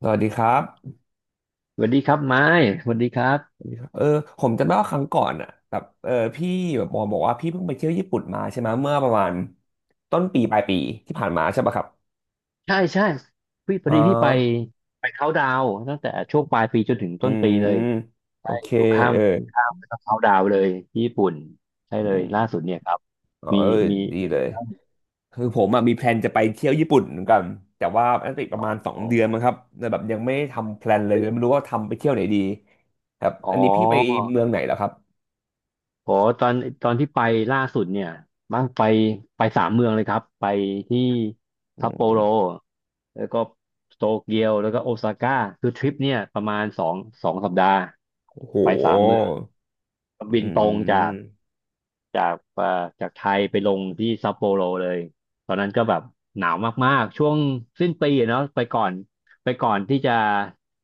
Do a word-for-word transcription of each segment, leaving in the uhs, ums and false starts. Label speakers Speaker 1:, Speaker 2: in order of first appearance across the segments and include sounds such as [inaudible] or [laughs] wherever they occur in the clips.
Speaker 1: สวัสดีครับ
Speaker 2: สวัสดีครับไม้สวัสดีครับ
Speaker 1: เออผมจำได้ว่าครั้งก่อนอ่ะแบบเออพี่แบบบอกบอกว่าพี่เพิ่งไปเที่ยวญี่ปุ่นมาใช่ไหมเมื่อประมาณต้นปีปลายปีที่ผ่านมาใช่ปะครับ
Speaker 2: ใช่ใช่พี่พอ
Speaker 1: อ๋อ
Speaker 2: ดีพี่ไปไปเขาดาวน์ตั้งแต่ช่วงปลายปีจนถึง
Speaker 1: อื
Speaker 2: ต้นปีเล
Speaker 1: ม
Speaker 2: ย
Speaker 1: โอ
Speaker 2: ใช่
Speaker 1: เค
Speaker 2: อยู่ข้าม
Speaker 1: เออ
Speaker 2: ข้ามไปเขาดาวน์เลยที่ญี่ปุ่นใช่
Speaker 1: อื
Speaker 2: เลยล่า
Speaker 1: ม
Speaker 2: สุดเนี่ยครับ
Speaker 1: อ๋อ
Speaker 2: มี
Speaker 1: เออ
Speaker 2: มี
Speaker 1: ดี
Speaker 2: เป็น
Speaker 1: เล
Speaker 2: ไง
Speaker 1: ย
Speaker 2: บ้าง
Speaker 1: คือผมอะมีแพลนจะไปเที่ยวญี่ปุ่นเหมือนกันแต่ว่าน่าจะอีกประมาณสอง
Speaker 2: อ๋อ
Speaker 1: เดือนมั้งครับแต่แบบยังไม่ได้ทำแพลนเลยไม่รู้ว่าทำไปเที่ยวไหนดีครับ
Speaker 2: อ๋อ
Speaker 1: อันนี้พี่ไปเมืองไหนแล้วครับ
Speaker 2: อ๋อตอนตอนที่ไปล่าสุดเนี่ยบ้างไปไปสามเมืองเลยครับไปที่
Speaker 1: อื
Speaker 2: ซัปโปโร
Speaker 1: ม
Speaker 2: แล้วก็โตเกียวแล้วก็โอซาก้าคือทริปเนี่ยประมาณสองสองสัปดาห์
Speaker 1: โอ้โห
Speaker 2: ไปสามเมือง บิ
Speaker 1: อื
Speaker 2: นตรงจาก
Speaker 1: ม
Speaker 2: จากเอ่อจากไทยไปลงที่ซัปโปโรเลยตอนนั้นก็แบบหนาวมากๆช่วงสิ้นปีอะเนาะไปก่อนไปก่อนที่จะ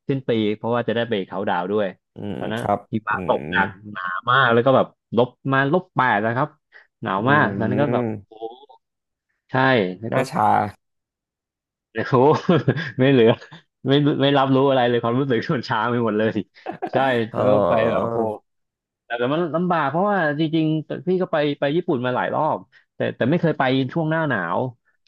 Speaker 2: สิ้นปีเพราะว่าจะได้ไปเขาน์ดาวน์ด้วย
Speaker 1: อืม
Speaker 2: ตอนนั้
Speaker 1: ค
Speaker 2: น
Speaker 1: รับ
Speaker 2: หิ
Speaker 1: อื
Speaker 2: มะตก
Speaker 1: ม
Speaker 2: หนักหนามากแล้วก็แบบลบมาลบแปดนะครับหนาว
Speaker 1: อื
Speaker 2: มากตอน
Speaker 1: ม
Speaker 2: นั้นก็แบบโอ้ใช่แล้ว
Speaker 1: ห
Speaker 2: ก็
Speaker 1: น้าชา
Speaker 2: โอ้โห [laughs] ไม่เหลือไม่ไม่รับรู้อะไรเลย ความรู้สึกมนช้างไปหมดเลยใช่
Speaker 1: ออ
Speaker 2: ก็ไปแบบโอ้โห
Speaker 1: อ
Speaker 2: แต่แต่มันลำบากเพราะว่าจริงๆ พี่ก็ไปไปญี่ปุ่นมาหลายรอบแต่แต่ไม่เคยไปช่วงหน้าหนาว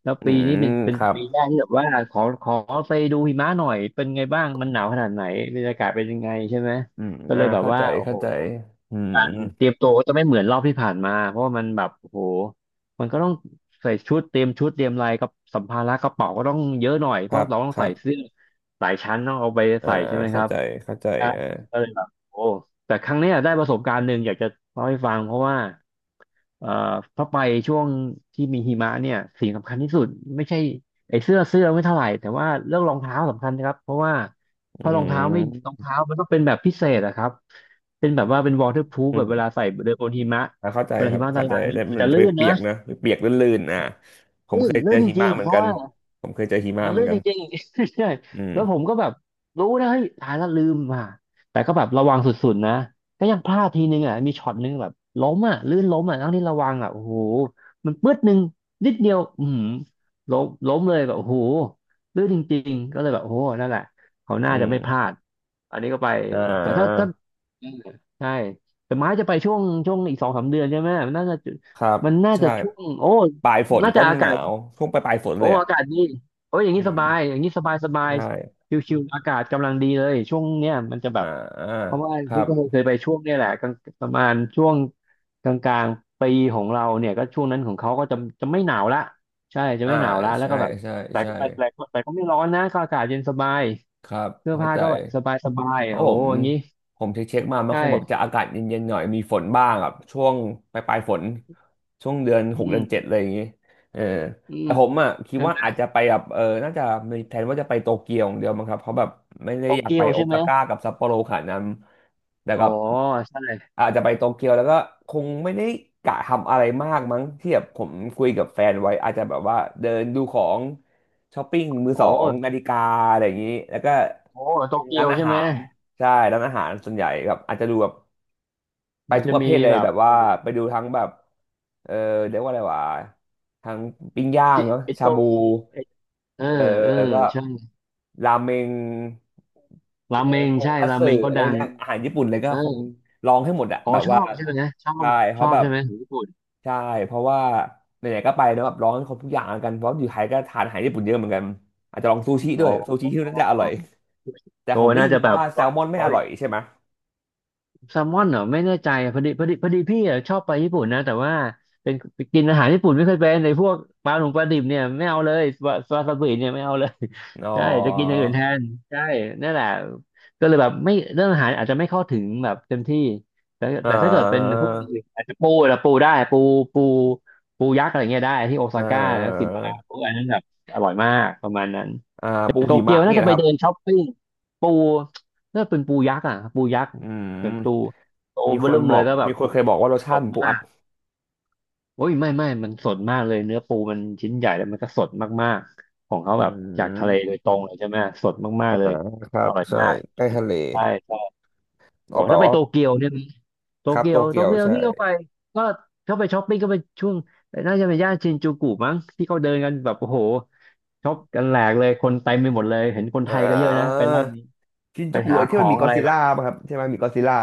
Speaker 2: แล้ว
Speaker 1: อื
Speaker 2: ปีนี้
Speaker 1: ม
Speaker 2: เป็นเป็น
Speaker 1: ครับ
Speaker 2: ปีแรกที่แบบว่าขอขอไปดูหิมะหน่อยเป็นไงบ้าง มันหนาวขนาดไหนบรรยากาศเป็นยังไงใช่ไหม
Speaker 1: อืม
Speaker 2: ก็เล
Speaker 1: อ่า
Speaker 2: ยแบบ
Speaker 1: เข้า
Speaker 2: ว่า
Speaker 1: ใจ
Speaker 2: โอ้
Speaker 1: เข้า
Speaker 2: โห
Speaker 1: ใจอืม
Speaker 2: การเตรียมตัวก็จะไม่เหมือนรอบที่ผ่านมาเพราะว่ามันแบบโอ้โหมันก็ต้องใส่ชุดเตรียมชุดเตรียมอะไรกับสัมภาระกระเป๋าก็ต้องเยอะหน่อย
Speaker 1: ค
Speaker 2: เพราะ
Speaker 1: รับ
Speaker 2: เราต้อง
Speaker 1: ครั
Speaker 2: ใส่
Speaker 1: บ
Speaker 2: เสื้อหลายชั้นต้องเอาไป
Speaker 1: อ่า
Speaker 2: ใส่ใช่ไหมค
Speaker 1: เข้า
Speaker 2: รับ
Speaker 1: ใจเข้าใจ
Speaker 2: ใช่
Speaker 1: อ่า
Speaker 2: ก็เลยแบบโอ้แต่ครั้งเนี้ยได้ประสบการณ์หนึ่งอยากจะเล่าให้ฟังเพราะว่า เอ่อเพราะไปช่วงที่มีหิมะเนี่ยสิ่งสำคัญที่สุดไม่ใช่ไอ้เสื้อเสื้อไม่เท่าไหร่แต่ว่าเรื่องรองเท้าสำคัญนะครับเพราะว่าเพ
Speaker 1: อื
Speaker 2: ราะรองเท้าไม่รอง
Speaker 1: ม
Speaker 2: เท้ามันต้องเป็นแบบพิเศษอะครับเป็นแบบว่าเป็น waterproof
Speaker 1: อื
Speaker 2: แบบเวลา
Speaker 1: ม
Speaker 2: ใส่เดินบนหิมะ
Speaker 1: อ่าเข้าใจ
Speaker 2: เวลา
Speaker 1: ค
Speaker 2: หิ
Speaker 1: รับ
Speaker 2: มะละ
Speaker 1: เข้าใจ
Speaker 2: ลายม
Speaker 1: แล้ว
Speaker 2: ัน
Speaker 1: มัน
Speaker 2: จะ
Speaker 1: จะ
Speaker 2: ลื่
Speaker 1: ไป
Speaker 2: น
Speaker 1: เปี
Speaker 2: นะ
Speaker 1: ยกนะไปเปียกลื่นๆอ่าผม
Speaker 2: ลื่
Speaker 1: เค
Speaker 2: น
Speaker 1: ยเจอ
Speaker 2: ลื่นจ
Speaker 1: หิ
Speaker 2: ริ
Speaker 1: มะ
Speaker 2: ง
Speaker 1: เห
Speaker 2: ๆ
Speaker 1: มื
Speaker 2: เพ
Speaker 1: อน
Speaker 2: ราะ
Speaker 1: กัน
Speaker 2: ว่า
Speaker 1: ผมเคยเจอหิมะ
Speaker 2: มัน
Speaker 1: เหมือ
Speaker 2: ลื่
Speaker 1: น
Speaker 2: น
Speaker 1: กั
Speaker 2: จ
Speaker 1: น
Speaker 2: ริงๆ [laughs] ใช่
Speaker 1: อืม
Speaker 2: แล้วผมก็แบบรู้นะเฮ้ยตายแล้วลืมอ่ะแต่ก็แบบระวังสุดๆนะ ก็ยังพลาดทีนึงอ่ะมีช็อตนึงแบบล้มอ่ะลื่นล้มอ่ะทั้งที่ระวังอ่ะโอ้โหมันปื๊ดนึงนิดเดียวอือล้มล้มเลยแบบโอ้โหลื่นจริงๆก็เลยแบบโอ้โหนั่นแหละเขาน่า
Speaker 1: อื
Speaker 2: จะ
Speaker 1: ม
Speaker 2: ไม่พลาด อันนี้ก็ไป
Speaker 1: อ่
Speaker 2: แต่ถ้าถ้า
Speaker 1: า
Speaker 2: อืมใช่แต่ไม้จะไปช่วงช่วงอีกสองสามเดือนใช่ไหมมันน่าจะ
Speaker 1: ครับ
Speaker 2: มันน่า
Speaker 1: ใช่
Speaker 2: จะช่วงโอ้
Speaker 1: ปลายฝน
Speaker 2: น่าจะ
Speaker 1: ต้น
Speaker 2: อา
Speaker 1: ห
Speaker 2: กา
Speaker 1: นา
Speaker 2: ศ
Speaker 1: วช่วงปลายปลายฝน
Speaker 2: โอ้
Speaker 1: เลยอ่ะ
Speaker 2: อากาศดีโอ้ยอย่าง
Speaker 1: อื
Speaker 2: นี้สบาย
Speaker 1: ม
Speaker 2: อย่างนี้สบายสบาย
Speaker 1: ใช่
Speaker 2: ชิวๆอากาศกำลังดีเลยช่วงเนี้ยมันจะแบบ
Speaker 1: อ่
Speaker 2: เพ
Speaker 1: า
Speaker 2: ราะว่า
Speaker 1: ครั
Speaker 2: พี่
Speaker 1: บ
Speaker 2: ก็เคยไปช่วงเนี้ยแหละกลางประมาณช่วงกลางๆปีของเราเนี่ยก็ช่วงนั้นของเขาก็จะจะไม่หนาวละใช่จะ
Speaker 1: อ่า
Speaker 2: ไม่หนาวละแล้ว
Speaker 1: ใช่
Speaker 2: ก็แบบ
Speaker 1: ใช่
Speaker 2: แต่
Speaker 1: ใช่
Speaker 2: ก็แต่แต่แต่ก็ไม่ร้อนนะก็อากาศเย็นสบาย
Speaker 1: ครับ
Speaker 2: เสื้อ
Speaker 1: เข้า
Speaker 2: ผ้า
Speaker 1: ใจ
Speaker 2: ก็แบบสบายสบาย
Speaker 1: ผ
Speaker 2: โอ้
Speaker 1: ม
Speaker 2: อย่างนี้
Speaker 1: ผมเช็คๆมา มันคงแบบ
Speaker 2: ใช่
Speaker 1: จะอากาศเย็นๆหน่อยมีฝนบ้างอ่ะช่วงปลายๆฝนช่วงเดือนห
Speaker 2: อื
Speaker 1: กเดือนเจ็ด
Speaker 2: ม
Speaker 1: อะลยอย่างงี้เออ
Speaker 2: อืม
Speaker 1: แต่ผมอ่ะคิด
Speaker 2: ใช่
Speaker 1: ว่า
Speaker 2: ไหม
Speaker 1: อาจจะไปแบบเออน่าจะมีแผนว่าจะไปโตเกียวอย่างเดียวมั้งครับเพราะแบบไม่ได้
Speaker 2: โต
Speaker 1: อยาก
Speaker 2: เกี
Speaker 1: ไป
Speaker 2: ยว
Speaker 1: โอ
Speaker 2: ใช่ไหม
Speaker 1: ซาก้ากับซัปโปโรขนาดนั้นแต่
Speaker 2: อ๋อ
Speaker 1: กับ
Speaker 2: ใช่
Speaker 1: อาจจะไปโตเกียวแล้วก็คงไม่ได้กะทำอะไรมากมั้งที่แบบผมคุยกับแฟนไว้อาจจะแบบว่าเดินดูของช้อปปิ้งมือ
Speaker 2: โอ
Speaker 1: สองนา
Speaker 2: ้
Speaker 1: ฬิกาอะไรอย่างนี้แล้วก็
Speaker 2: โอ้โต
Speaker 1: เป็น
Speaker 2: เกี
Speaker 1: ร้า
Speaker 2: ยว
Speaker 1: นอา
Speaker 2: ใช่ไห
Speaker 1: หา
Speaker 2: ม
Speaker 1: ร ใช่ร้านอาหารส่วนใหญ่แบบอาจจะดูแบบไป
Speaker 2: มัน
Speaker 1: ทุก
Speaker 2: จะ
Speaker 1: ประ
Speaker 2: มี
Speaker 1: เภทเลย
Speaker 2: แบบ
Speaker 1: แบบว่า
Speaker 2: โอ้โห
Speaker 1: ไปดูทั้งแบบเออเรียกว่าอะไรวะทั้งปิ้งย่าง
Speaker 2: ชิ
Speaker 1: เนาะ
Speaker 2: ไอ้ต
Speaker 1: ชา
Speaker 2: รง
Speaker 1: บู
Speaker 2: ไอ้เออ
Speaker 1: เออ
Speaker 2: เออ
Speaker 1: แล้วก็
Speaker 2: ใช่
Speaker 1: ราเมง
Speaker 2: รา
Speaker 1: เออ
Speaker 2: เมง
Speaker 1: ทง
Speaker 2: ใช่
Speaker 1: คัต
Speaker 2: รา
Speaker 1: สึ
Speaker 2: เมงก็
Speaker 1: อะไร
Speaker 2: ดั
Speaker 1: พวก
Speaker 2: ง
Speaker 1: เนี้ยอาหารญี่ปุ่นเลยก็
Speaker 2: เออ
Speaker 1: คงลองให้หมดอะ
Speaker 2: อ๋อ
Speaker 1: แบบ
Speaker 2: ชอ
Speaker 1: ว่า
Speaker 2: บใช่ไหมนะชอบ
Speaker 1: ใช่
Speaker 2: ช
Speaker 1: เขาะ
Speaker 2: อบ
Speaker 1: แบบ
Speaker 2: ใช่ไหมของญี่ปุ่น
Speaker 1: ใช่เพราะว่าไหนๆก็ไปเนอะแบบลองให้ครบทุกอย่างแล้วกันเพราะอยู่ไทยก็ทานอาหารญี่ปุ่นเยอะเหมือนกันอาจจะลองซูชิ
Speaker 2: อ๋
Speaker 1: ด้
Speaker 2: อ
Speaker 1: วยซูชิที่นั่นจะอร่อยแต่
Speaker 2: โอ้
Speaker 1: ผมได้
Speaker 2: น่า
Speaker 1: ยิน
Speaker 2: จะ
Speaker 1: มา
Speaker 2: แบบ
Speaker 1: ว่าแซลมอนไม่อร่อยใช่ไหม
Speaker 2: แซลมอนเหรอไม่แน่ใจอะพอดีพอดีพอดีพี่อะชอบไปญี่ปุ่นนะแต่ว่าเป็นกินอาหารญี่ปุ่นไม่เคยเป็นในพวกปลาหนุ่มปลาดิบเนี่ยไม่เอาเลยซาวาซาบิเนี่ยไม่เอาเลย
Speaker 1: อ๋อ
Speaker 2: [laughs] ใช่จะกินอย่างอื่นแทนใช่นั่นแหละก็เลยแบบไม่เรื่องอาหารอาจจะไม่เข้าถึงแบบเต็มที่แต่
Speaker 1: เอ่
Speaker 2: แต่ถ้าเกิดเป็น
Speaker 1: อ
Speaker 2: พวกอย่างอื่นอาจจะปูนะปูได้ปูปูปูยักษ์อะไรเงี้ยได้ที่โอ
Speaker 1: เอ่
Speaker 2: ซาก้าแล้วกิ
Speaker 1: อ
Speaker 2: นมาแล้วพวกอันนั้นแบบอร่อยมากประมาณนั้น
Speaker 1: อ่าปู
Speaker 2: โต
Speaker 1: หิ
Speaker 2: เกี
Speaker 1: มะ
Speaker 2: ยวน่า
Speaker 1: เงี่ย
Speaker 2: จะ
Speaker 1: นะ
Speaker 2: ไป
Speaker 1: ครับ
Speaker 2: เดินช้อปปิ้งปูน่าเป็นปูยักษ์อ่ะปูยักษ์
Speaker 1: อื
Speaker 2: แบบตู
Speaker 1: ม
Speaker 2: โต
Speaker 1: มีคน
Speaker 2: เบิ่ม
Speaker 1: บ
Speaker 2: เล
Speaker 1: อ
Speaker 2: ย
Speaker 1: ก
Speaker 2: ก็แบบ
Speaker 1: มีค
Speaker 2: โอ้
Speaker 1: น
Speaker 2: โห
Speaker 1: เคยบอกว่ารส
Speaker 2: ส
Speaker 1: ชาติ
Speaker 2: ด
Speaker 1: เหมือนปู
Speaker 2: มา
Speaker 1: อัด
Speaker 2: กโอ้ยไม่ไม่มันสดมากเลยเนื้อปูมันชิ้นใหญ่แล้วมันก็สดมากๆของเขา
Speaker 1: อื
Speaker 2: แบบจากทะเลโด
Speaker 1: ม
Speaker 2: ยตรงเลยใช่ไหมสดมาก
Speaker 1: อ่า
Speaker 2: ๆเลย
Speaker 1: ครั
Speaker 2: อ
Speaker 1: บ
Speaker 2: ร่อย
Speaker 1: ใช่
Speaker 2: มาก
Speaker 1: ใกล้ทะเล
Speaker 2: ใช่ใช่
Speaker 1: อ
Speaker 2: โอ้
Speaker 1: อกแปล
Speaker 2: ถ้าไป
Speaker 1: ว่า
Speaker 2: โตเกียวเนี่ยโต
Speaker 1: ครับ
Speaker 2: เกี
Speaker 1: โต
Speaker 2: ยวโต
Speaker 1: เกียว
Speaker 2: เกียว
Speaker 1: ใช่
Speaker 2: ที่เขาไปก็เขาไปช้อปปิ้งก็ไปช่วงน่าจะเป็นย่านชินจูกุมั้งที่เขาเดินกันแบบโอ้โหช็อปกันแหลกเลยคนเต็มไปหมดเลยเห็นคน
Speaker 1: อ่
Speaker 2: ไทยก็เยอะนะ
Speaker 1: า
Speaker 2: ไปรอบนี้
Speaker 1: ชิน
Speaker 2: ไป
Speaker 1: จูกุ
Speaker 2: หา
Speaker 1: ไอ้
Speaker 2: ข
Speaker 1: ที่มั
Speaker 2: อ
Speaker 1: นมี
Speaker 2: ง
Speaker 1: ก็
Speaker 2: อะ
Speaker 1: อด
Speaker 2: ไร
Speaker 1: ซิล
Speaker 2: แบบ
Speaker 1: ล่าป่ะครับใช่ไหมมีก็อดซิลล่า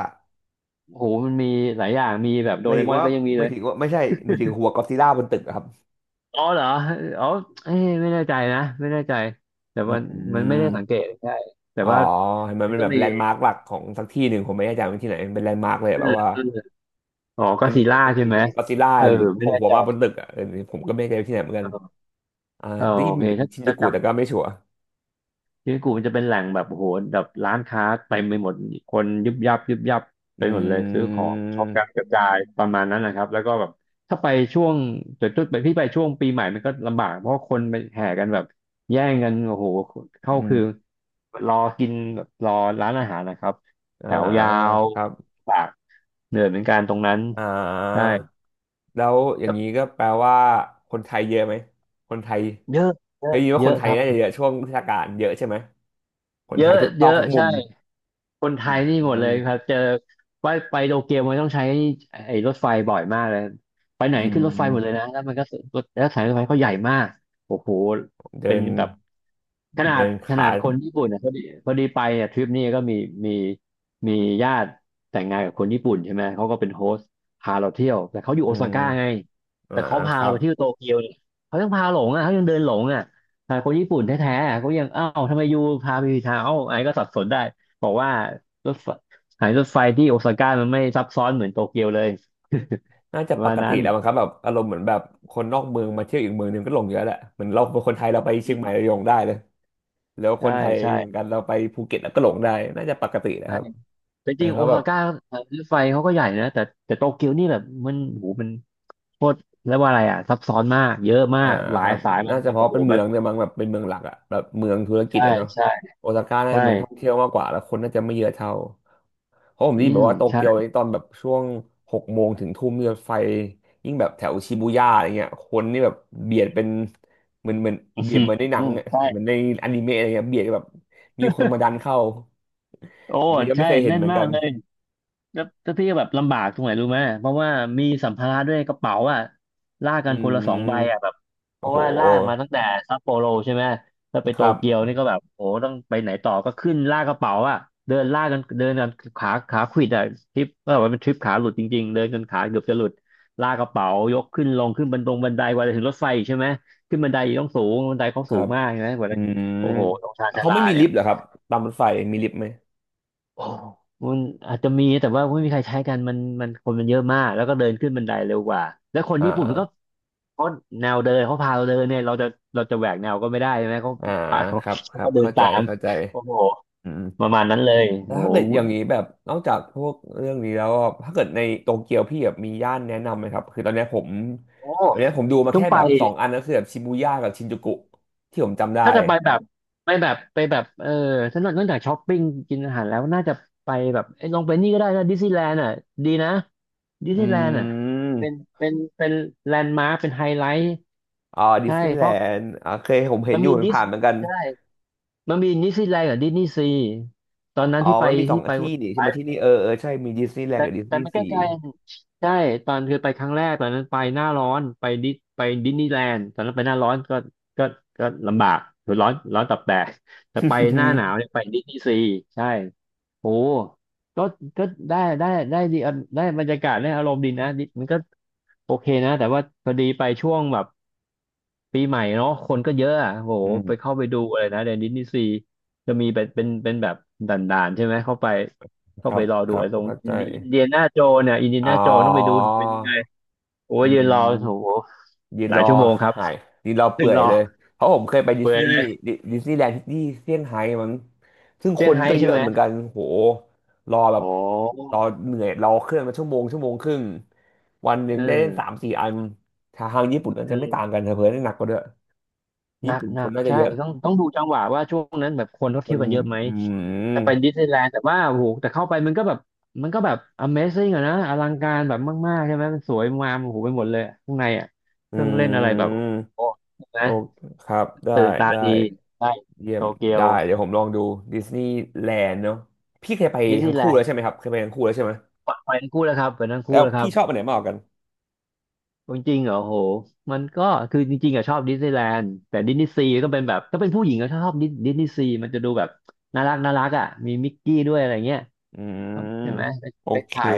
Speaker 2: โหมันมีหลายอย่าง มีแบบโด
Speaker 1: หมาย
Speaker 2: เร
Speaker 1: ถึง
Speaker 2: มอน
Speaker 1: ว่า
Speaker 2: ก็ยังมี
Speaker 1: ไม่
Speaker 2: เลย
Speaker 1: ถึงว่าไม่ใช่หมายถึงหัวก็อดซิลล่าบนตึกอะครับ
Speaker 2: อ๋อเหรออ๋อเอ้ยไม่แน่ใจนะ ไม่แน่ใจ แต่
Speaker 1: อื
Speaker 2: มันมันไม่ได้สังเก
Speaker 1: ม
Speaker 2: ตใช่แต่
Speaker 1: อ๋อ
Speaker 2: ว่า
Speaker 1: เห็นมัน
Speaker 2: มัน
Speaker 1: เป็น
Speaker 2: ก็
Speaker 1: แบบ
Speaker 2: มี
Speaker 1: แลนด์มาร์กหลักของสักที่หนึ่งผมไม่แน่ใจว่าที่ไหนมันเป็นแลนด์มาร์กเลย
Speaker 2: เออ
Speaker 1: แบบว่า
Speaker 2: เอออ๋อก็
Speaker 1: จะ
Speaker 2: ซี
Speaker 1: มี
Speaker 2: ล
Speaker 1: จะ
Speaker 2: ล่าใช่
Speaker 1: มี
Speaker 2: ไหม
Speaker 1: จะมีก็อดซิลล่า
Speaker 2: เออ
Speaker 1: อยู่โผ
Speaker 2: ไม่
Speaker 1: ล่
Speaker 2: แน่
Speaker 1: หัว
Speaker 2: ใจ
Speaker 1: มาบนตึกอ่ะเออผมก็ไม่เคยไปที่ไหนเหมือนกั
Speaker 2: เอ
Speaker 1: น
Speaker 2: อ
Speaker 1: อ่า
Speaker 2: เออ
Speaker 1: ได้ยิ
Speaker 2: โอ
Speaker 1: นเห
Speaker 2: เค
Speaker 1: มือน
Speaker 2: ถ้า
Speaker 1: ชินจู
Speaker 2: จะจ
Speaker 1: กุแต่ก็ไม่ชัวร์
Speaker 2: ชิบุกุมันจะเป็นแหล่งแบบโอ้โหแบบร้านค้าเต็มไปหมดคนยุบยับยุบยับไป
Speaker 1: อ
Speaker 2: หมดเลยซื้
Speaker 1: ื
Speaker 2: อของช็อปกันก
Speaker 1: ม
Speaker 2: ระจายประมาณนั้นนะครับแล้วก็แบบถ้าไปช่วงจุดจุดไปพี่ไปช่วงปีใหม่มันก็ลำบากเพราะคนไปแห่กันแบบแย่งกันโอ้โหเข้า
Speaker 1: อื
Speaker 2: คือ
Speaker 1: ม
Speaker 2: รอกินแบบรอร้านอาหารนะครับ
Speaker 1: อ่า
Speaker 2: แถวยาว
Speaker 1: ครับ
Speaker 2: ปากเหนื่อยเหมือนกันตรงนั้น
Speaker 1: อ่
Speaker 2: ใช่
Speaker 1: าแล้วอย่า
Speaker 2: แต่
Speaker 1: งนี้ก็แปลว่าคนไทยเยอะไหมคนไทย
Speaker 2: เยอะเย
Speaker 1: ได้
Speaker 2: อะ
Speaker 1: ยินว่า
Speaker 2: เย
Speaker 1: ค
Speaker 2: อะ
Speaker 1: นไท
Speaker 2: ค
Speaker 1: ย
Speaker 2: รับ
Speaker 1: น่าจะ
Speaker 2: เย
Speaker 1: เยอะช่วงเทศกาลเยอะใช่ไหมค
Speaker 2: อะ
Speaker 1: น
Speaker 2: เย
Speaker 1: ไทยทุกซอก
Speaker 2: อะ
Speaker 1: ทุกมุ
Speaker 2: ใช่
Speaker 1: ม
Speaker 2: คนไท
Speaker 1: อื
Speaker 2: ยนี่หมดเลยค
Speaker 1: ม
Speaker 2: รับเจอว่าไปโตเกียวมันต้องใช้ไอ้รถไฟบ่อยมากเลยไปไหน
Speaker 1: อื
Speaker 2: ขึ้นรถไฟหมดเลย
Speaker 1: ม
Speaker 2: นะแล้วมันก็รถแล้วสายรถไฟเขาใหญ่มากโอ้โห
Speaker 1: เดิ
Speaker 2: เป็น
Speaker 1: น
Speaker 2: แบบขนา
Speaker 1: เดิ
Speaker 2: ด
Speaker 1: น
Speaker 2: ขนา
Speaker 1: ขา
Speaker 2: ดคนญี่ปุ่นเนี่ยพอดีพอดีไปเนี่ยทริปนี้ก็มีมีมีญาติแต่งงานกับคนญี่ปุ่นใช่ไหมเขาก็เป็นโฮสต์พาเราเที่ยวแต่เขาอยู่โอ
Speaker 1: อื
Speaker 2: ซา
Speaker 1: ม
Speaker 2: ก้าไง
Speaker 1: อ่า
Speaker 2: แต่เขาพา
Speaker 1: ครั
Speaker 2: เรา
Speaker 1: บ
Speaker 2: ไปเที่ยวโตเกียวเนี่ยเขายังพาหลงอ่ะเขายังเดินหลงอ่ะแต่คนญี่ปุ่นแท้ๆเขายังอ้าวทำไมอยูพาไปผิดทางเอ้าไอ้ก็สับสนได้ บอกว่ารถไฟสถานีรถไฟที่โอซาก้ามันไม่ซับซ้อนเหมือนโตเกียวเลย
Speaker 1: น่า
Speaker 2: [laughs] ป
Speaker 1: จะ
Speaker 2: ระ
Speaker 1: ป
Speaker 2: มาณ
Speaker 1: ก
Speaker 2: นั้
Speaker 1: ติ
Speaker 2: น
Speaker 1: แล้วมั้งครับแบบอารมณ์เหมือนแบบคนนอกเมืองมาเที่ยวอีกเมืองหนึงก็หลงเยอะแหละเหมือนเราเป็นคนไทยเราไปเชียงใหม่เราหลงได้เลยแล้วค
Speaker 2: ใช่
Speaker 1: นไทย
Speaker 2: ใช่
Speaker 1: เหมือนกันเราไปภูเก็ตแล้ก็หลงได้น่าจะปกตินะ
Speaker 2: ใช่
Speaker 1: ครับ
Speaker 2: แต่จริง
Speaker 1: นะค
Speaker 2: โอ
Speaker 1: รับแบ
Speaker 2: ซา
Speaker 1: บ
Speaker 2: ก้ารถไฟเขาก็ใหญ่นะแต่แต่โตเกียวนี่แบบมันโหูมันโคตรเรียกว่าอะไรอ่ะซับซ้อนมากเยอะมา
Speaker 1: อ่า
Speaker 2: กหลา
Speaker 1: ค
Speaker 2: ย
Speaker 1: รับ
Speaker 2: สายมัน
Speaker 1: น่าจะ
Speaker 2: มัน
Speaker 1: เพราะ
Speaker 2: โอ้โห
Speaker 1: เป็นเมื
Speaker 2: มัน
Speaker 1: องเนี่ยมั้งแบบเป็นเมืองหลักอะแบบเมืองธุรกิจ
Speaker 2: ใช่
Speaker 1: อะเนาะ
Speaker 2: ใช่
Speaker 1: โอซาก้าน่า
Speaker 2: ใช่
Speaker 1: จะเมืองท่องเที่ยวมากกว่าแล้วคนน่าจะไม่เยอะเท่า เพราะผม
Speaker 2: อื
Speaker 1: ได้ยินแบ
Speaker 2: ม
Speaker 1: บว่าโต
Speaker 2: ใช่
Speaker 1: เกียวตอนแบบช่วงหกโมงถึงทุ่มเนี่ยรถไฟยิ่งแบบแถวชิบูย่าอะไรเงี้ยคนนี่แบบเบียดเป็นเหมือนเหมือนเบียดเหมือนใน
Speaker 2: [laughs]
Speaker 1: หนั
Speaker 2: อื
Speaker 1: ง
Speaker 2: ม
Speaker 1: อะ
Speaker 2: ใช่
Speaker 1: เหมือนในอนิเมะอะไรเงี้ยเบียดแบบมีคนมาดันเข้า
Speaker 2: [laughs] โอ้
Speaker 1: ผมยังไม่
Speaker 2: ใช่
Speaker 1: เคยเห็น
Speaker 2: แน่น
Speaker 1: เหมือน
Speaker 2: มา
Speaker 1: กั
Speaker 2: ก
Speaker 1: น
Speaker 2: เลย แล้วแล้วพี่ก็แบบลำบากตรงไหนรู้ไหมเพราะว่ามีสัมภาระด้วยกระเป๋าอ่ะลาก
Speaker 1: อื
Speaker 2: กันคนละสองใบอ่ะแบ
Speaker 1: ม
Speaker 2: บเพ
Speaker 1: โอ้
Speaker 2: ราะ
Speaker 1: โห
Speaker 2: ว่าลากมาตั้งแต่ซัปโปโรใช่ไหมแล้วไป
Speaker 1: ค
Speaker 2: โต
Speaker 1: รับ
Speaker 2: เกียวนี่ก็แบบโอ้โหต้องไปไหนต่อก็ขึ้นลากกระเป๋าอ่ะเดินลากกันเดินกันขาขาขวิดอ่ะทริปก็แบบว่าเป็นทริปขาหลุดจริงๆเดินกันขาเกือบจะหลุดลากกระเป๋ายกขึ้นลงขึ้นบันตรงบันไดกว่าจะถึงรถไฟอีกใช่ไหมขึ้นบันไดอีกต้องสูงบันไดเขา
Speaker 1: ค
Speaker 2: สู
Speaker 1: รั
Speaker 2: ง
Speaker 1: บ
Speaker 2: มากใช่ไหมกว่า
Speaker 1: อื
Speaker 2: จะ
Speaker 1: ม
Speaker 2: โอ้โหตรงชานชา
Speaker 1: เขา
Speaker 2: ลา
Speaker 1: ไม่มี
Speaker 2: เนี่
Speaker 1: ลิ
Speaker 2: ย
Speaker 1: ฟต์เหรอครับตามรถไฟมีลิฟต์ไหม
Speaker 2: โอ้มันอาจจะมีแต่ว่าไม่มีใครใช้กันมันมันคนมันเยอะมากแล้วก็เดินขึ้นบันไดเร็วกว่าแล้วคน
Speaker 1: อ่
Speaker 2: ญี่ปุ่นมันก็
Speaker 1: า
Speaker 2: เขาแนวเดินเขาพาเราเดินเนี่ยเราจะเราจะแหวกแนวก็ไม่ได้ใช่ไหมเขา
Speaker 1: อ่า
Speaker 2: พาเขา
Speaker 1: ครับค
Speaker 2: เขา
Speaker 1: รั
Speaker 2: ก็
Speaker 1: บ
Speaker 2: เดิน
Speaker 1: เข้าใจ
Speaker 2: ตาม
Speaker 1: เข้าใจ
Speaker 2: โอ้โห
Speaker 1: อืม
Speaker 2: ประมาณนั้นเลย
Speaker 1: แล้ว
Speaker 2: โอ้
Speaker 1: ถ้าเกิดอย่างนี้
Speaker 2: โห
Speaker 1: แบบนอกจากพวกเรื่องนี้แล้วอะถ้าเกิดในโตเกียวพี่แบบมีย่านแนะนำไหมครับคือตอนเนี้ยผม
Speaker 2: โอ้
Speaker 1: ตอนเนี้ยผมดูมา
Speaker 2: ต้อ
Speaker 1: แค่
Speaker 2: งไป
Speaker 1: แบบสองอันก็คือแบบชิบูย่ากับชินจูกุที่ผมจำได้
Speaker 2: ถ้าจะไปแบบไปแบบไปแบบเออถ้านอกจากช้อปปิ้งกินอาหารแล้วน่าจะไปแบบเอ้ยลองไปนี่ก็ได้นะดิสนีย์แลนด์อ่ะดีนะดิส
Speaker 1: อื
Speaker 2: นีย์แลนด์อ่ะเป็น
Speaker 1: ม
Speaker 2: เป็นเป็นแลนด์มาร์คเป็นไฮไลท์
Speaker 1: อ๋อดิ
Speaker 2: ใช่
Speaker 1: สนีย์
Speaker 2: เพ
Speaker 1: แล
Speaker 2: ราะ
Speaker 1: นด์อ่าเคยผมเห็
Speaker 2: มั
Speaker 1: น
Speaker 2: น
Speaker 1: อยู่
Speaker 2: มี
Speaker 1: มัน
Speaker 2: ดิส
Speaker 1: ผ่านเหมือนกัน
Speaker 2: ใช่มันมีนิสซีแลนด์กับดิสนีย์ซีตอนนั้น
Speaker 1: อ๋อ
Speaker 2: ที่ไป
Speaker 1: มันมีสอง
Speaker 2: ที่ไป
Speaker 1: ที่นี่ใช่
Speaker 2: ไป
Speaker 1: ไหมที่นี่เออเออใช่มีดิสนีย์แลน
Speaker 2: แต่
Speaker 1: ด์กับดิส
Speaker 2: แต่
Speaker 1: นีย์
Speaker 2: ไม่ใก
Speaker 1: ซี
Speaker 2: ล้ๆใช่ตอนคือไปครั้งแรกตอนนั้นไปหน้าร้อนไปดิไปดิสนีย์แลนด์ตอนนั้นไปหน้าร้อนก็ก็ก็ลำบากคือร้อนร้อนตับแตกแต่ไปหน้าหนาว
Speaker 1: [laughs]
Speaker 2: เนี่ยไปดิสนีย์ซีใช่โอ้ก็ก็ได้ได้ได้ดีอ่ะได้บรรยากาศได้อารมณ์ดีนะดิมันก็โอเคนะแต่ว่าพอดีไปช่วงแบบ ปีใหม่เนาะคนก็เยอะอะโห
Speaker 1: อื
Speaker 2: ไปเข้า
Speaker 1: ม
Speaker 2: ไปดูอะไรนะเดนดิสนีย์ซีจะมีเป็นเป็นเป็นแบบด่านๆใช่ไหมเข้าไป
Speaker 1: ค
Speaker 2: เข้า
Speaker 1: รั
Speaker 2: ไป
Speaker 1: บ
Speaker 2: รอ
Speaker 1: ค
Speaker 2: ดู
Speaker 1: รับ
Speaker 2: ไอ้ตรง
Speaker 1: เข้าใจ
Speaker 2: อินเดียนาโจเนี่ยอินเดีย
Speaker 1: อ๋อ
Speaker 2: นาโจต้องไปดูหน่อยเป็นยังไงโอ้ย
Speaker 1: อื
Speaker 2: ยืน
Speaker 1: ม
Speaker 2: รอโอ้โห
Speaker 1: ยื
Speaker 2: ห
Speaker 1: น
Speaker 2: ลา
Speaker 1: ร
Speaker 2: ย
Speaker 1: อ
Speaker 2: ชั่วโมงครับ
Speaker 1: หายยืนรอ
Speaker 2: [laughs] ยื
Speaker 1: เปื่
Speaker 2: น
Speaker 1: อย
Speaker 2: รอ
Speaker 1: เลยเพราะผมเคยไปดิส
Speaker 2: เปื่อย
Speaker 1: นี
Speaker 2: เล
Speaker 1: ย์
Speaker 2: ย
Speaker 1: ดิดิสนีย์แลนด์ที่เซี่ยงไฮ้มั้งซึ่ง
Speaker 2: เซี่
Speaker 1: ค
Speaker 2: ยง
Speaker 1: น
Speaker 2: ไฮ้
Speaker 1: ก็เย
Speaker 2: ใช่
Speaker 1: อะ
Speaker 2: ไหม
Speaker 1: เหมือนกันโหรอแบบ
Speaker 2: โอ้
Speaker 1: รอเหนื่อยรอเครื่องมาชั่วโมงชั่วโมงครึ่งวันหนึ่
Speaker 2: เอ
Speaker 1: ง
Speaker 2: อ
Speaker 1: ได้เล่นสามสี่อันทางทางญี่ปุ่นน่าจะไม่ต่าง
Speaker 2: เออ
Speaker 1: กันเถอะเพื่อนได้หนักกว่าด้วย
Speaker 2: หนั
Speaker 1: ญี่
Speaker 2: ก
Speaker 1: ปุ่น
Speaker 2: หนั
Speaker 1: ค
Speaker 2: ก
Speaker 1: นน่าจะ
Speaker 2: ใช่
Speaker 1: เยอะ
Speaker 2: ต้องต้องดูจังหวะว่าช่วงนั้นแบบคนเขา
Speaker 1: ค
Speaker 2: เที่ยว
Speaker 1: น
Speaker 2: กันเยอะไหม
Speaker 1: อื
Speaker 2: จะไป
Speaker 1: ม
Speaker 2: ดิสนีย์แลนด์แต่ว่าโอ้โหแต่เข้าไปมันก็แบบมันก็แบบ Amazing อะนะอลังการแบบมากๆใช่ไหมมันสวยงามโอ้โหไปหมดเลยอะข้างในอะเค
Speaker 1: อื
Speaker 2: รื่องเล่นอะไรแบบ
Speaker 1: ม
Speaker 2: โอ้ใช่ไหม
Speaker 1: โอเคครับได้
Speaker 2: ตื่นตา
Speaker 1: ได้
Speaker 2: ดีได้
Speaker 1: เยี่ย
Speaker 2: โต
Speaker 1: ม
Speaker 2: เกียว
Speaker 1: ได้เดี๋ยวผมลองดูดิสนีย์แลนด์เนาะพี่เคยไป
Speaker 2: ดิสนี
Speaker 1: ทั้ง
Speaker 2: ย์แล
Speaker 1: คู่
Speaker 2: น
Speaker 1: แล้ว
Speaker 2: ด์
Speaker 1: ใช่ไหมครับเคยไปทั้งคู่แล้วใช่ไหม
Speaker 2: ไปไปทั้งคู่แล้วครับไปทั้ง
Speaker 1: แล้
Speaker 2: คู่
Speaker 1: ว
Speaker 2: แล้วครั
Speaker 1: พี่
Speaker 2: บ
Speaker 1: ชอบอันไหนมากกว่ากัน
Speaker 2: จริงๆเหรอโอ้โหมันก็คือจริงๆอะชอบดิสนีย์แลนด์แต่ดิสนีย์ซีก็เป็นแบบถ้าเป็นผู้หญิงก็ชอบดิสดิสนีย์ซีมันจะดูแบบน่ารักน่ารักอะมีมิกกี้ด้วยอะไรเงี้ย
Speaker 1: อืม
Speaker 2: ใช่ไหมไป
Speaker 1: โอ
Speaker 2: ไป
Speaker 1: เค
Speaker 2: ถ่าย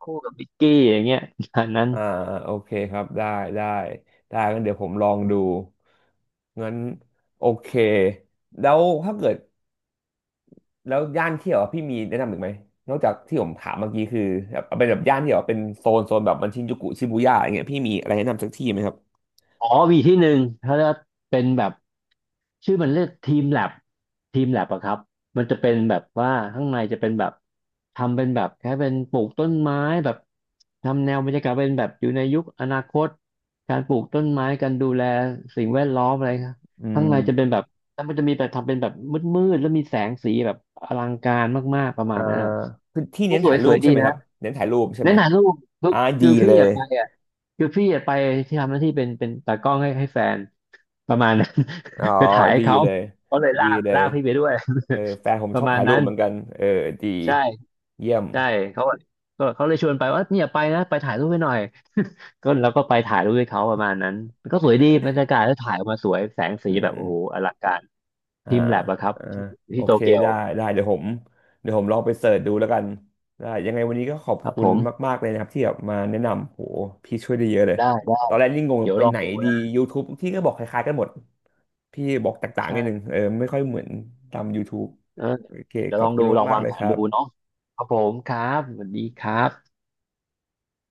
Speaker 2: คู่กับมิกกี้อย่างเงี้ย [laughs] อันนั้น
Speaker 1: อ่าอโอเคครับได้ได้ได้งั้นเดี๋ยวผมลองดูงั้นโอเคแล้วถ้าเกิดแล้วย่านเที่ยวอะพี่มีแนะนำอีกไหมนอกจากที่ผมถามเมื่อกี้คือแบบเอาเป็นแบบย่านที่แบบเป็นโซนโซนแบบมันชินจูกุชิบูย่าอย่างเงี้ยพี่มีอะไรแนะนำสักที่ไหมครับ
Speaker 2: อ๋อมีที่หนึ่งถ้าจะเป็นแบบชื่อมันเรียกทีมแลบทีมแลบอะครับมันจะเป็นแบบว่าข้างในจะเป็นแบบทำเป็นแบบแค่เป็นปลูกต้นไม้แบบทำแนวบรรยากาศเป็นแบบอยู่ในยุคอนาคตการปลูกต้นไม้การดูแลสิ่งแวดล้อมอะไรครับ
Speaker 1: อื
Speaker 2: ข้างในจะเป็
Speaker 1: ม
Speaker 2: นแบบแล้วมันจะมีแบบทำเป็นแบบมืดๆแล้วมีแสงสีแบบอลังการมากๆประมาณ
Speaker 1: อ่า
Speaker 2: นั้นอะ
Speaker 1: คือที่เน้น
Speaker 2: สว
Speaker 1: ถ่า
Speaker 2: ย
Speaker 1: ย
Speaker 2: ส
Speaker 1: รู
Speaker 2: วย
Speaker 1: ป
Speaker 2: ๆดี
Speaker 1: ใช่ไหมค
Speaker 2: นะ
Speaker 1: รับเน้นถ่ายรูปใช่
Speaker 2: แนะ
Speaker 1: ไหม
Speaker 2: นำลูกลู
Speaker 1: อ่า
Speaker 2: ก
Speaker 1: ดี
Speaker 2: คือพี่
Speaker 1: เลย
Speaker 2: อะไปอะคือพี่อะไปที่ทำหน้าที่เป็นเป็นตากล้องให้ให้แฟนประมาณนั้น
Speaker 1: อ๋อ
Speaker 2: [laughs] ไปถ่ายให้
Speaker 1: ดี
Speaker 2: เขา
Speaker 1: เลย
Speaker 2: เขาเลยลา
Speaker 1: ดี
Speaker 2: ก
Speaker 1: เล
Speaker 2: ลา
Speaker 1: ย
Speaker 2: กพี่ไปด้วย
Speaker 1: เออแฟนผม
Speaker 2: [laughs] ป
Speaker 1: ช
Speaker 2: ระ
Speaker 1: อบ
Speaker 2: มาณ
Speaker 1: ถ่ายรู
Speaker 2: นั้
Speaker 1: ป
Speaker 2: น
Speaker 1: เหมือนกันเออดี
Speaker 2: ใช่
Speaker 1: เยี่ยม
Speaker 2: ใช่เขาก็เขาเลยชวนไปว่าเนี่ยไปนะไปถ่ายรูปให้หน่อย [laughs] ก็แล้วก็ไปถ่ายรูปให้เขาประมาณนั้นก็สวยดีบรรยากาศแล้วถ่ายออกมาสวยแสงสี
Speaker 1: อื
Speaker 2: แบบโอ้โห
Speaker 1: ม
Speaker 2: อลังการ
Speaker 1: อ่า
Speaker 2: ทีมแลบอะครับ
Speaker 1: อ่า
Speaker 2: ที่
Speaker 1: โอ
Speaker 2: ที่โต
Speaker 1: เค
Speaker 2: เกียว
Speaker 1: ได้ได้เดี๋ยวผมเดี๋ยวผมลองไปเสิร์ชดูแล้วกันได้ยังไงวันนี้ก็ขอบ
Speaker 2: ครับ
Speaker 1: คุ
Speaker 2: ผ
Speaker 1: ณ
Speaker 2: ม
Speaker 1: มากๆเลยนะครับที่แบบมาแนะนำโหพี่ช่วยได้เยอะเลย
Speaker 2: ได้ได้
Speaker 1: ตอนแรกนี่งง
Speaker 2: เดี๋ยว
Speaker 1: ไป
Speaker 2: ลอง
Speaker 1: ไหน
Speaker 2: ดู
Speaker 1: ดี
Speaker 2: นะ
Speaker 1: YouTube ที่ก็บอกคล้ายๆกันหมดพี่บอกแตกต่างๆนิดนึ
Speaker 2: ใช่
Speaker 1: งเออไม่ค่อยเหมือนตาม YouTube
Speaker 2: เออ
Speaker 1: โอเค
Speaker 2: เดี๋ย
Speaker 1: ข
Speaker 2: วล
Speaker 1: อ
Speaker 2: อ
Speaker 1: บ
Speaker 2: ง
Speaker 1: คุ
Speaker 2: ดู
Speaker 1: ณ
Speaker 2: ลอง
Speaker 1: มาก
Speaker 2: วา
Speaker 1: ๆ
Speaker 2: ง
Speaker 1: เล
Speaker 2: แผ
Speaker 1: ยค
Speaker 2: น
Speaker 1: รั
Speaker 2: ดู
Speaker 1: บ
Speaker 2: เนาะครับผมครับสวัสดีครับ